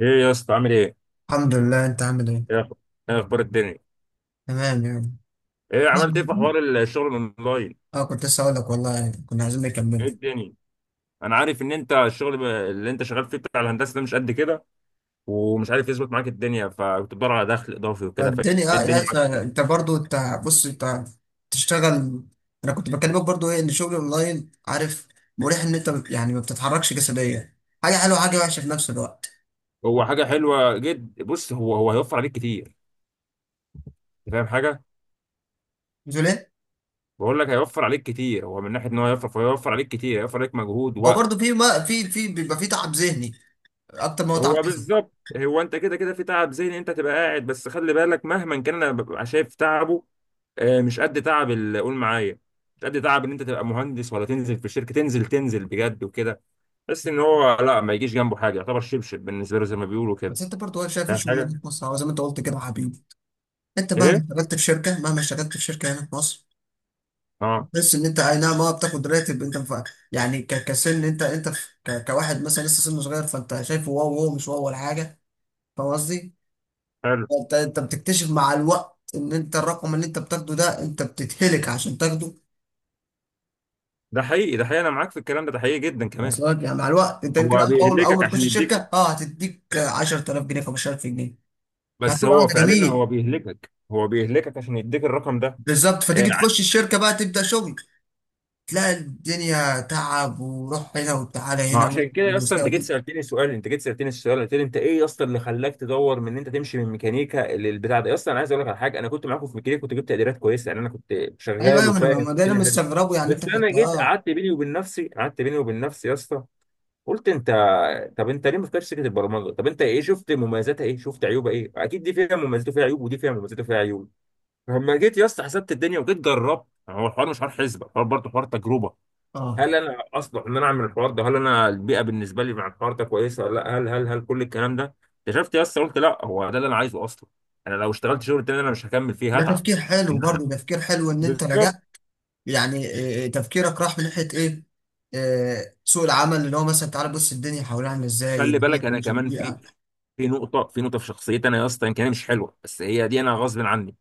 ايه يا اسطى عامل ايه؟ الحمد لله. انت عامل ايه؟ ايه أخ- إيه اخبار الدنيا؟ تمام يعني. ايه عملت ايه في يعني- حوار الشغل الاونلاين؟ اه كنت لسه اقول لك والله يعني كنا عايزين نكمل. ايه الدنيا؟ انا عارف ان انت الشغل اللي انت شغال فيه بتاع الهندسه ده مش قد كده، ومش عارف يظبط معاك الدنيا فكنت بتدور على دخل اضافي وكده، فايه فالدنيا يا الدنيا معاك أخي، فيه؟ انت برضو انت بص انت تشتغل. انا كنت بكلمك برضو ايه ان شغل اونلاين عارف، مريح ان انت يعني ما بتتحركش جسديا. حاجه حلوه وحاجه وحشه في نفس الوقت. هو حاجه حلوه جدا، بص، هو هيوفر عليك كتير. انت فاهم حاجه؟ مش ليه. بقول لك هيوفر عليك كتير، هو من ناحيه ان هو هيوفر، فهيوفر عليك كتير، هيوفر عليك مجهود. او برضو في ما في بيبقى في تعب ذهني اكتر ما هو تعب هو جسدي. بالظبط، هو انت كده كده في تعب ذهني، انت تبقى قاعد، بس خلي بالك مهما كان انا ببقى شايف تعبه. آه، مش قد تعب قول معايا، مش قد تعب ان انت تبقى مهندس ولا تنزل في الشركه، تنزل تنزل بجد وكده. بس ان هو لا، ما يجيش جنبه حاجه، يعتبر شبشب بالنسبه له زي ما بيقولوا كده. بس انت برضو شايف فاهم الشغل اللي حاجه. في مصر هو زي ما انت قلت كده يا حبيبي. انت مهما ايه. اشتغلت في شركه مهما اشتغلت في شركه هنا في مصر، اه. تحس ان انت اي نعم بتاخد راتب. انت ف... يعني ك... كسن انت انت ف... ك... كواحد مثلا لسه سنه صغير، فانت شايفه واو واو مش واو ولا حاجه. فاهم قصدي؟ حلو. انت بتكتشف مع الوقت ان انت الرقم اللي انت بتاخده ده، انت بتتهلك عشان تاخده. ده حقيقي انا معاك في الكلام ده حقيقي جدا كمان. اصلا يعني مع الوقت، انت يمكن هو اول اول بيهلكك أول ما عشان تخش يديك. الشركه هتديك 10000 جنيه 15000 جنيه، بس هتقول هو ده فعلا هو جميل. بيهلكك هو بيهلكك عشان يديك الرقم ده. بالظبط. آه. فتيجي تخش الشركه بقى تبدا شغل، تلاقي الدنيا تعب وروح هنا وتعالى ما هنا. عشان كده اصلا ومساوي. انت جيت سالتني السؤال، قلت لي انت ايه اصلا اللي خلاك تدور من ان انت تمشي من ميكانيكا للبتاع ده؟ اصلا انا عايز اقول لك على حاجه، انا كنت معاكم في ميكانيكا، كنت جبت تقديرات كويسه، يعني انا كنت ايوه شغال ايوه، ما انا وفاهم ما ده انا الدنيا حلو. مستغربه يعني، انت بس انا كنت جيت اه. قعدت بيني وبين نفسي يا اسطى، قلت انت، طب انت ليه ما فكرتش سكه البرمجه؟ طب انت ايه شفت مميزاتها، ايه شفت عيوبها؟ ايه، اكيد دي فيها مميزات وفيها عيوب، ودي فيها مميزات وفيها عيوب. فلما جيت يا اسطى حسبت الدنيا وجيت جربت، يعني هو الحوار مش حوار حسبه، الحوار برضه حوار تجربه. هل اه، انا اصلح ان انا اعمل الحوار ده؟ هل انا البيئه بالنسبه لي مع الحوار ده كويسه ولا لا؟ هل كل الكلام ده اكتشفت يا اسطى، قلت لا، هو ده اللي انا عايزه اصلا. انا لو اشتغلت شغل تاني انا مش هكمل فيه، ده هتعب. تفكير حلو، إن- برضه تفكير حلو ان انت بالظبط. رجعت يعني. آه، آه، تفكيرك راح من ناحيه ايه. آه، سوق العمل اللي هو مثلا، تعالى بص الدنيا حوالينا عامله ازاي، خلي بالك البيئه انا مش كمان في البيئه. في نقطه، في شخصيتي انا يا اسطى، يمكن هي مش حلوه بس هي دي، انا غصب عني.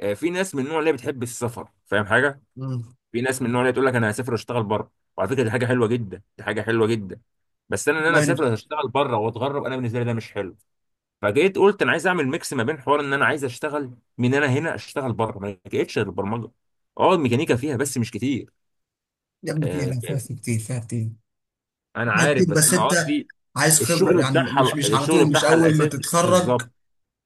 آه، في ناس من النوع اللي بتحب السفر، فاهم حاجه، مم. في ناس من النوع اللي تقول لك انا هسافر واشتغل بره، وعلى فكره دي حاجه حلوه جدا، دي حاجه حلوه جدا. بس انا ان انا والله يا. اسافر واشتغل بره واتغرب، انا بالنسبه لي ده مش حلو. فجيت قلت انا عايز اعمل ميكس ما بين حوار ان انا عايز اشتغل من انا هنا اشتغل بره، ما لقيتش غير البرمجه. اه الميكانيكا فيها بس مش كتير. يا ابني فيها، آه، لا فيها في كتير فيها كتير انا فيها كتير. عارف، بس بس انا انت قصدي عايز خبره الشغل يعني، مش بتاعها مش على الشغل طول مش بتاعها اول ما الاساسي. تتخرج بالظبط،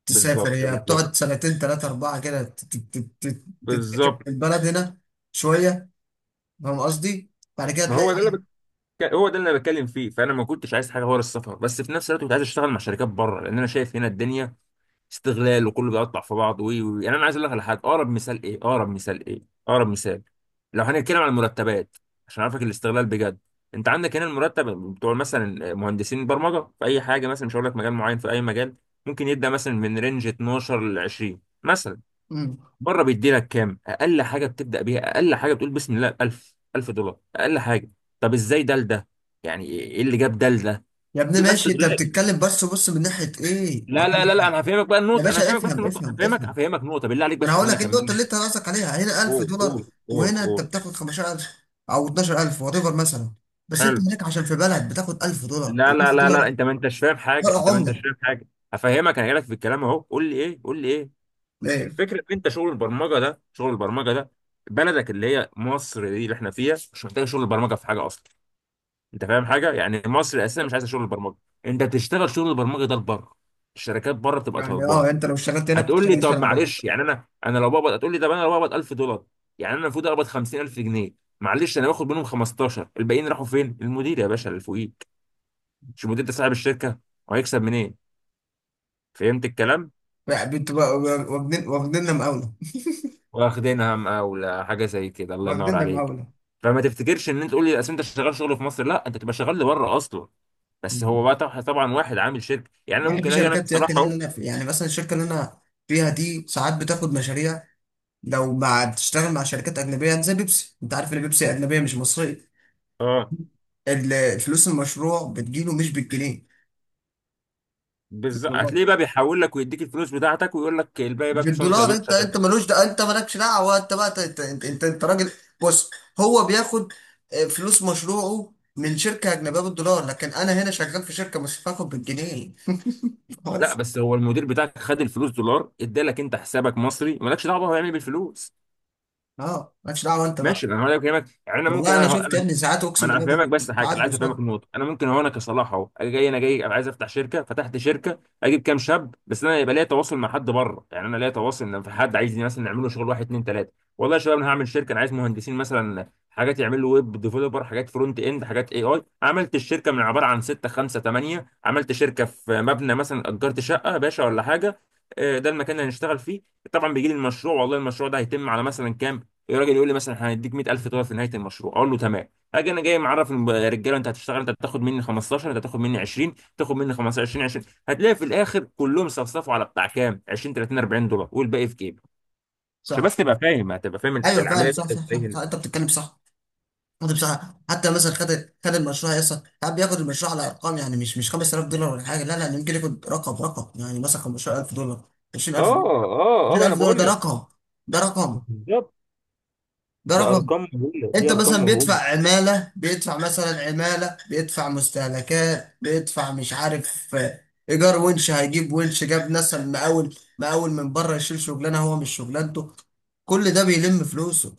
تسافر. بالظبط، هي بالظبط، بتقعد سنتين ثلاثه اربعه كده تتكتشف بالظبط. في البلد هنا شويه. فاهم قصدي؟ بعد كده ما تلاقي هو ده اللي بتك... ايه؟ هو ده اللي انا بتكلم فيه، فانا ما كنتش عايز حاجه ورا السفر، بس في نفس الوقت كنت عايز اشتغل مع شركات بره، لان انا شايف هنا الدنيا استغلال وكله بيقطع في بعض، وي وي يعني انا عايز اقول لك على حاجه. اقرب مثال ايه، اقرب مثال ايه، اقرب مثال، لو هنتكلم عن المرتبات، عشان اعرفك الاستغلال بجد، انت عندك هنا المرتب بتوع مثلا مهندسين برمجه في اي حاجه، مثلا مش هقول لك مجال معين، في اي مجال ممكن يبدا مثلا من رينج 12 ل 20 مثلا. مم. بره بيدي لك كام؟ اقل حاجه بتبدا بيها، اقل حاجه بتقول بسم الله 1000، 1000 دولار اقل حاجه. طب ازاي ده لده، يعني ايه اللي جاب ده لده؟ يا ابني بيبقى ماشي، انت استغلال. بتتكلم بس بص من ناحيه ايه، ما لا هو- لا لا لا، انا هفهمك بقى يا النقطه، انا باشا هفهمك بس افهم النقطه، افهم هفهمك افهم. هفهمك نقطه، بالله عليك ما انا بس هقول خلينا لك ايه النقطه اكمل. اللي انت قصدك عليها. هنا 1000 قول دولار قول قول وهنا انت قول. بتاخد 15000 او 12000 وات ايفر مثلا. بس انت حلو. هناك عشان في بلد بتاخد 1000 دولار، لا ال لا 1000 لا لا، دولار انت ما انتش فاهم حاجه، فرق انت ما انتش عمله. فاهم حاجه، هفهمك، انا جايلك في الكلام اهو. قول لي ايه، قول لي ايه؟ ايه الفكره ان انت شغل البرمجه ده، شغل البرمجه ده، بلدك اللي هي مصر دي اللي احنا فيها مش محتاجه شغل البرمجه في حاجه اصلا. انت فاهم حاجه؟ يعني مصر اساسا مش عايزه شغل البرمجه، انت بتشتغل شغل البرمجه ده لبره، الشركات بره بتبقى يعني طالباه. انت لو اشتغلت هنا هتقول لي بتشتغل شهر طب بره. معلش، يعني انا لو بقبض، هتقول لي طب انا لو بقبض 1000 دولار، يعني انا المفروض اقبض 50000 جنيه، معلش انا باخد منهم 15، الباقيين راحوا فين؟ المدير يا باشا اللي فوقيك، مش المدير ده، صاحب الشركه، وهيكسب منين؟ فهمت الكلام؟ يعني بتبقى واخدين واخديننا مقاوله. واخدينها مقاولة، حاجه زي كده، الله ينور واخديننا عليك. مقاوله. فما تفتكرش ان انت تقول لي اصل انت شغال شغل في مصر، لا انت تبقى شغال لبره اصلا. بس هو مم. بقى طبعا طبعاً واحد عامل شركه، يعني انا يعني في ممكن اجي انا شركات يا كصلاح اخي، لا لا اهو. لا، يعني مثلا الشركه اللي انا فيها دي ساعات بتاخد مشاريع. لو مع بتشتغل مع شركات أجنبية زي بيبسي، أنت عارف إن بيبسي أجنبية مش مصرية. اه. الفلوس المشروع بتجيله مش بالجنيه، بالظبط، بالدولار. هتلاقيه بقى بيحول لك ويديك الفلوس بتاعتك ويقول لك الباقي بقى كل سنه وانت بالدولار. طيبين. أنت ملوش ده، أنت مالكش دعوة. أنت بقى أنت راجل. بص، هو بياخد فلوس مشروعه من شركة أجنبية بالدولار، لكن أنا هنا شغال في شركة مش هاخد بالجنيه. لا، بس. بس هو المدير بتاعك خد الفلوس دولار، ادالك انت حسابك مصري، مالكش دعوه هو يعمل ايه بالفلوس. أه، مالكش دعوة أنت ماشي، بقى. انا هقول لك كلمات، يعني انا ممكن، والله أنا انا شفت انا يا ابني ساعات، ما أقسم انا بالله، هفهمك، بس حاجه انا بتعدي عايز افهمك صد. النقطه، انا ممكن اهو انا كصلاح اهو، اجي جاي، انا جاي، أنا عايز افتح شركه، فتحت شركه، اجيب كام شاب، بس انا يبقى ليا تواصل مع حد بره، يعني انا ليا تواصل ان في حد عايزني مثلا نعمل له شغل، واحد اتنين تلاته، والله يا شباب انا هعمل شركه، انا عايز مهندسين مثلا، حاجات يعملوا ويب ديفلوبر، حاجات فرونت اند، حاجات، اي عملت الشركه من عباره عن سته، خمسه، ثمانيه، عملت شركه في مبنى، مثلا اجرت شقه باشا ولا حاجه. آه، ده المكان اللي هنشتغل فيه. طبعا بيجي لي المشروع، والله المشروع ده هيتم على مثلا كام؟ الراجل يقول لي مثلا احنا هنديك 100000 دولار في نهايه المشروع، اقول له تمام. اجي انا جاي معرف الرجاله، انت هتشتغل، انت هتاخد مني 15، انت هتاخد مني 20، تاخد مني 15، 20، 20، هتلاقي في الاخر كلهم صفصفوا على بتاع كام، 20، 30، 40 دولار، والباقي في جيبي، عشان صح. بس تبقى فاهم، هتبقى فاهم أيوه فعلا، العمليه دي صح بتبقى صح ازاي صح, صح. هنا. أنت بتتكلم صح. خد بسرعه. حتى مثلا خد، خد المشروع يا اسطى ساعات بياخد المشروع على ارقام. يعني مش 5000 دولار ولا حاجه، لا لا، ممكن ياخد رقم رقم يعني مثلا 15000 دولار، 20000 دولار. اه اه اه، ما انا 20000 دولار ده بقول لك. رقم. ده رقم. بالظبط. ده ده رقم. ارقام مهوله، دي انت ارقام مثلا بيدفع مهوله. عماله، بيدفع مثلا عماله، بيدفع مستهلكات، بيدفع مش عارف ايجار، ونش هيجيب ونش جاب مثلا مقاول مقاول من بره يشيل شغلانه هو مش شغلانته. كل ده بيلم فلوسه.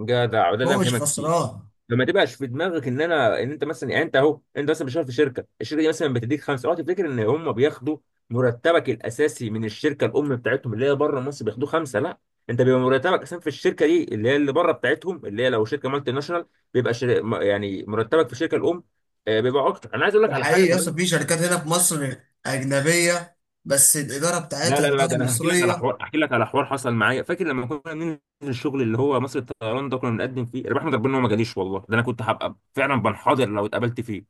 جدع، وده اللي انا هو مش بكلمك فيه. خسران. فما تبقاش في دماغك ان انا، ان انت مثلا، يعني انت اهو، انت مثلا بتشتغل في شركه، الشركه دي مثلا بتديك خمسه، اوعى تفتكر ان هم بياخدوا مرتبك الاساسي من الشركه الام بتاعتهم اللي هي بره مصر بياخدوه خمسه، لا. انت بيبقى مرتبك اساسا في الشركه دي اللي هي اللي بره بتاعتهم، اللي هي لو شركه مالتي ناشونال، بيبقى يعني مرتبك في الشركه الام. آه، بيبقى اكتر. انا عايز اقول لك ده على حقيقي حاجه يا اسطى، كمان. في شركات هنا في مصر أجنبية بس الإدارة لا بتاعتها لا لا، إدارة ده انا هحكي لك على مصرية. حوار، احكي لك على حوار حصل معايا، فاكر لما كنا بننزل الشغل اللي هو مصر الطيران ده، كنا بنقدم فيه، انا بحمد ربنا ان هو ما جاليش، والله ده انا كنت هبقى فعلا بنحاضر لو اتقابلت فيه.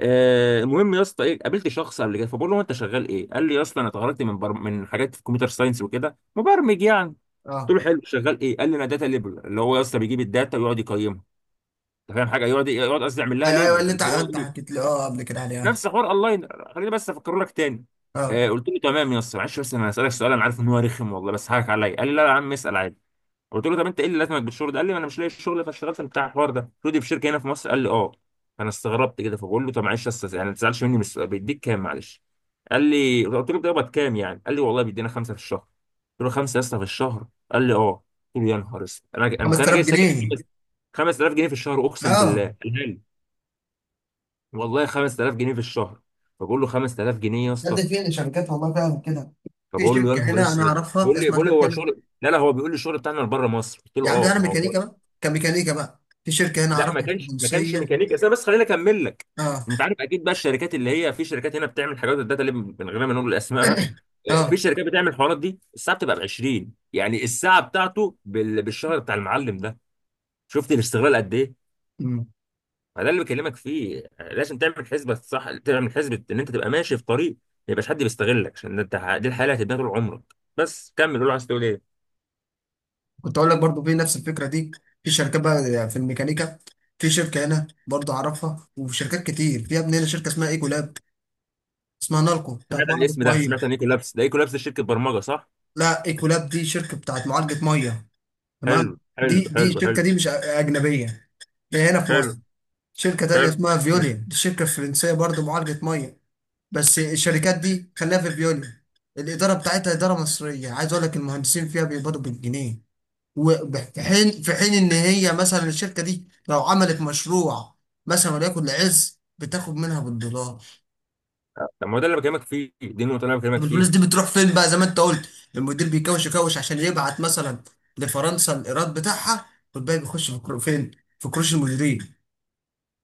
آه، المهم يا اسطى ايه، قابلت شخص قبل كده، فبقول له انت شغال ايه؟ قال لي يا اسطى انا اتخرجت من من حاجات في الكمبيوتر ساينس وكده، مبرمج يعني. قلت اه. له حلو، شغال ايه؟ قال لي انا داتا ليبل، اللي هو يا اسطى بيجيب الداتا ويقعد يقيمها، انت فاهم حاجه، يقعد يقعد قصدي يعمل لها أيوه أيوه، ليبل اللي أنت اللي هو أنت ايه، حكيت لي قبل كده عليها. نفس حوار اونلاين، خليني بس افكر لك تاني. أه. آه. قلت له تمام يا اسطى، معلش بس انا هسالك سؤال، انا عارف ان هو رخم والله، بس هاك عليا. قال لي لا يا عم اسال عادي. قلت له طب انت ايه اللي لازمك بالشغل ده؟ قال لي ما انا مش لاقي الشغل، فاشتغلت بتاع الحوار ده. قلت له دي في شركه هنا في مصر؟ قال لي اه. فانا استغربت كده، فبقول له طب معلش يا استاذ يعني ما تزعلش مني من السؤال، بيديك كام؟ معلش. قال لي قلت له بتقبض كام يعني، قال لي والله بيدينا خمسه في الشهر. قلت له خمسه يا اسطى في الشهر؟ قال لي اه. قلت له يا نهار اسود، انا انت انا 5000 جاي ساكن، جنيه 5000 جنيه في الشهر اقسم بالله؟ أه. قال لي والله 5000 جنيه في الشهر. فبقول له 5000 جنيه يا ده اسطى، فين شركات، والله فعلا كده. في فبقول له يا شركة نهار هنا أنا اسود. أعرفها، بيقول لي اسمها بيقول لي شركة هو هنا. شغل، لا لا، هو بيقول لي الشغل بتاعنا بره مصر، قلت يا له عم ده اه أنا ما هو. ميكانيكا بقى كميكانيكا بقى، في شركة هنا لا، ما أعرفها، في كانش ما كانش تونسية. ميكانيكا، بس أنا بس خليني اكمل لك. أه. انت عارف اكيد بقى الشركات اللي هي، في شركات هنا بتعمل حاجات الداتا اللي من غير ما نقول اسمائها، آه، في أه. شركات بتعمل الحوارات دي، الساعه بتبقى ب 20، يعني الساعه بتاعته بالشهر بتاع المعلم ده، شفت الاستغلال قد ايه؟ أمم. فده اللي بكلمك فيه. آه، لازم تعمل حسبه صح، تعمل حسبه ان انت تبقى ماشي في طريق ما يبقاش حد بيستغلك، عشان انت دي الحياه اللي هتبقى طول عمرك. بس كمل، قول عايز تقول ايه. كنت أقول لك برضو في نفس الفكرة دي. في شركات بقى في الميكانيكا، في شركة هنا برضو أعرفها، وفي شركات كتير في يا ابني هنا، شركة اسمها إيكولاب، اسمها نالكو بتاعت سمعت عن معالجة الاسم ده، مية. سمعت عن ايكو لابس ده، ايكو لابس دي شركه برمجه صح؟ لا، ايكولاب دي شركة بتاعت معالجة مية. حلو. تمام. دي حلو دي حلو حلو. الشركة دي مش أجنبية. دي هنا في حلو. مصر. شركة تانية اسمها حلو. فيوليا، دي شركة فرنسية برضو معالجة مية. بس الشركات دي خليها في فيوليا. الإدارة بتاعتها إدارة مصرية. عايز أقول لك المهندسين فيها بيقبضوا بالجنيه، وفي حين إن هي مثلا الشركة دي لو عملت مشروع مثلا، وليكن لعز، بتاخد منها بالدولار. طب ما هو ده اللي بكلمك فيه، دي النقطة اللي أنا بكلمك طب الفلوس فيها. دي بتروح فين بقى زي ما انت قلت؟ المدير بيكوش يكوش عشان يبعت مثلا لفرنسا الايراد بتاعها، والباقي بيخش في فين، في كروش المديرين.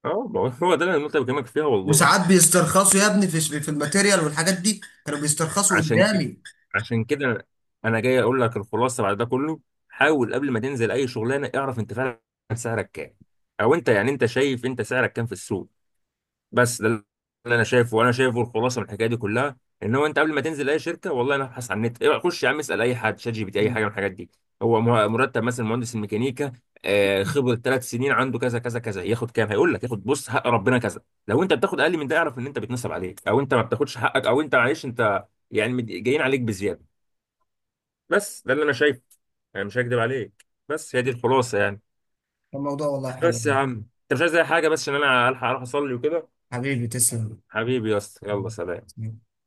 أه ما هو ده اللي النقطة اللي بكلمك فيها والله. وساعات بيسترخصوا يا ابني في الماتيريال والحاجات دي، كانوا بيسترخصوا عشان كده، قدامي. عشان كده، أنا جاي أقول لك الخلاصة بعد ده كله. حاول قبل ما تنزل أي شغلانة اعرف أنت فعلا سعرك كام، أو أنت يعني أنت شايف أنت سعرك كام في السوق. بس ده اللي انا شايفه، وانا شايفه الخلاصه من الحكايه دي كلها، ان هو انت قبل ما تنزل اي شركه والله، انا ابحث عن النت، إيه، خش يا عم اسال اي حد، شات جي بي تي، اي حاجه مم. من الحاجات دي، هو مرتب مثلا مهندس الميكانيكا، آه، خبره 3 سنين عنده كذا كذا كذا، ياخد كام؟ هيقول لك ياخد، بص حق ربنا، كذا. لو انت بتاخد اقل من ده اعرف ان انت بيتنصب عليك، او انت ما بتاخدش حقك، او انت معلش انت، يعني جايين عليك بزياده. بس ده اللي انا شايفه، انا مش هكدب عليك، بس هي دي الخلاصه يعني. الموضوع والله حلو. بس يا عم، انت مش عايز اي حاجه، بس عشان انا الحق اروح اصلي وكده. حبيبي تسلم. حبيبي يا اسطى، يلا سلام. مم.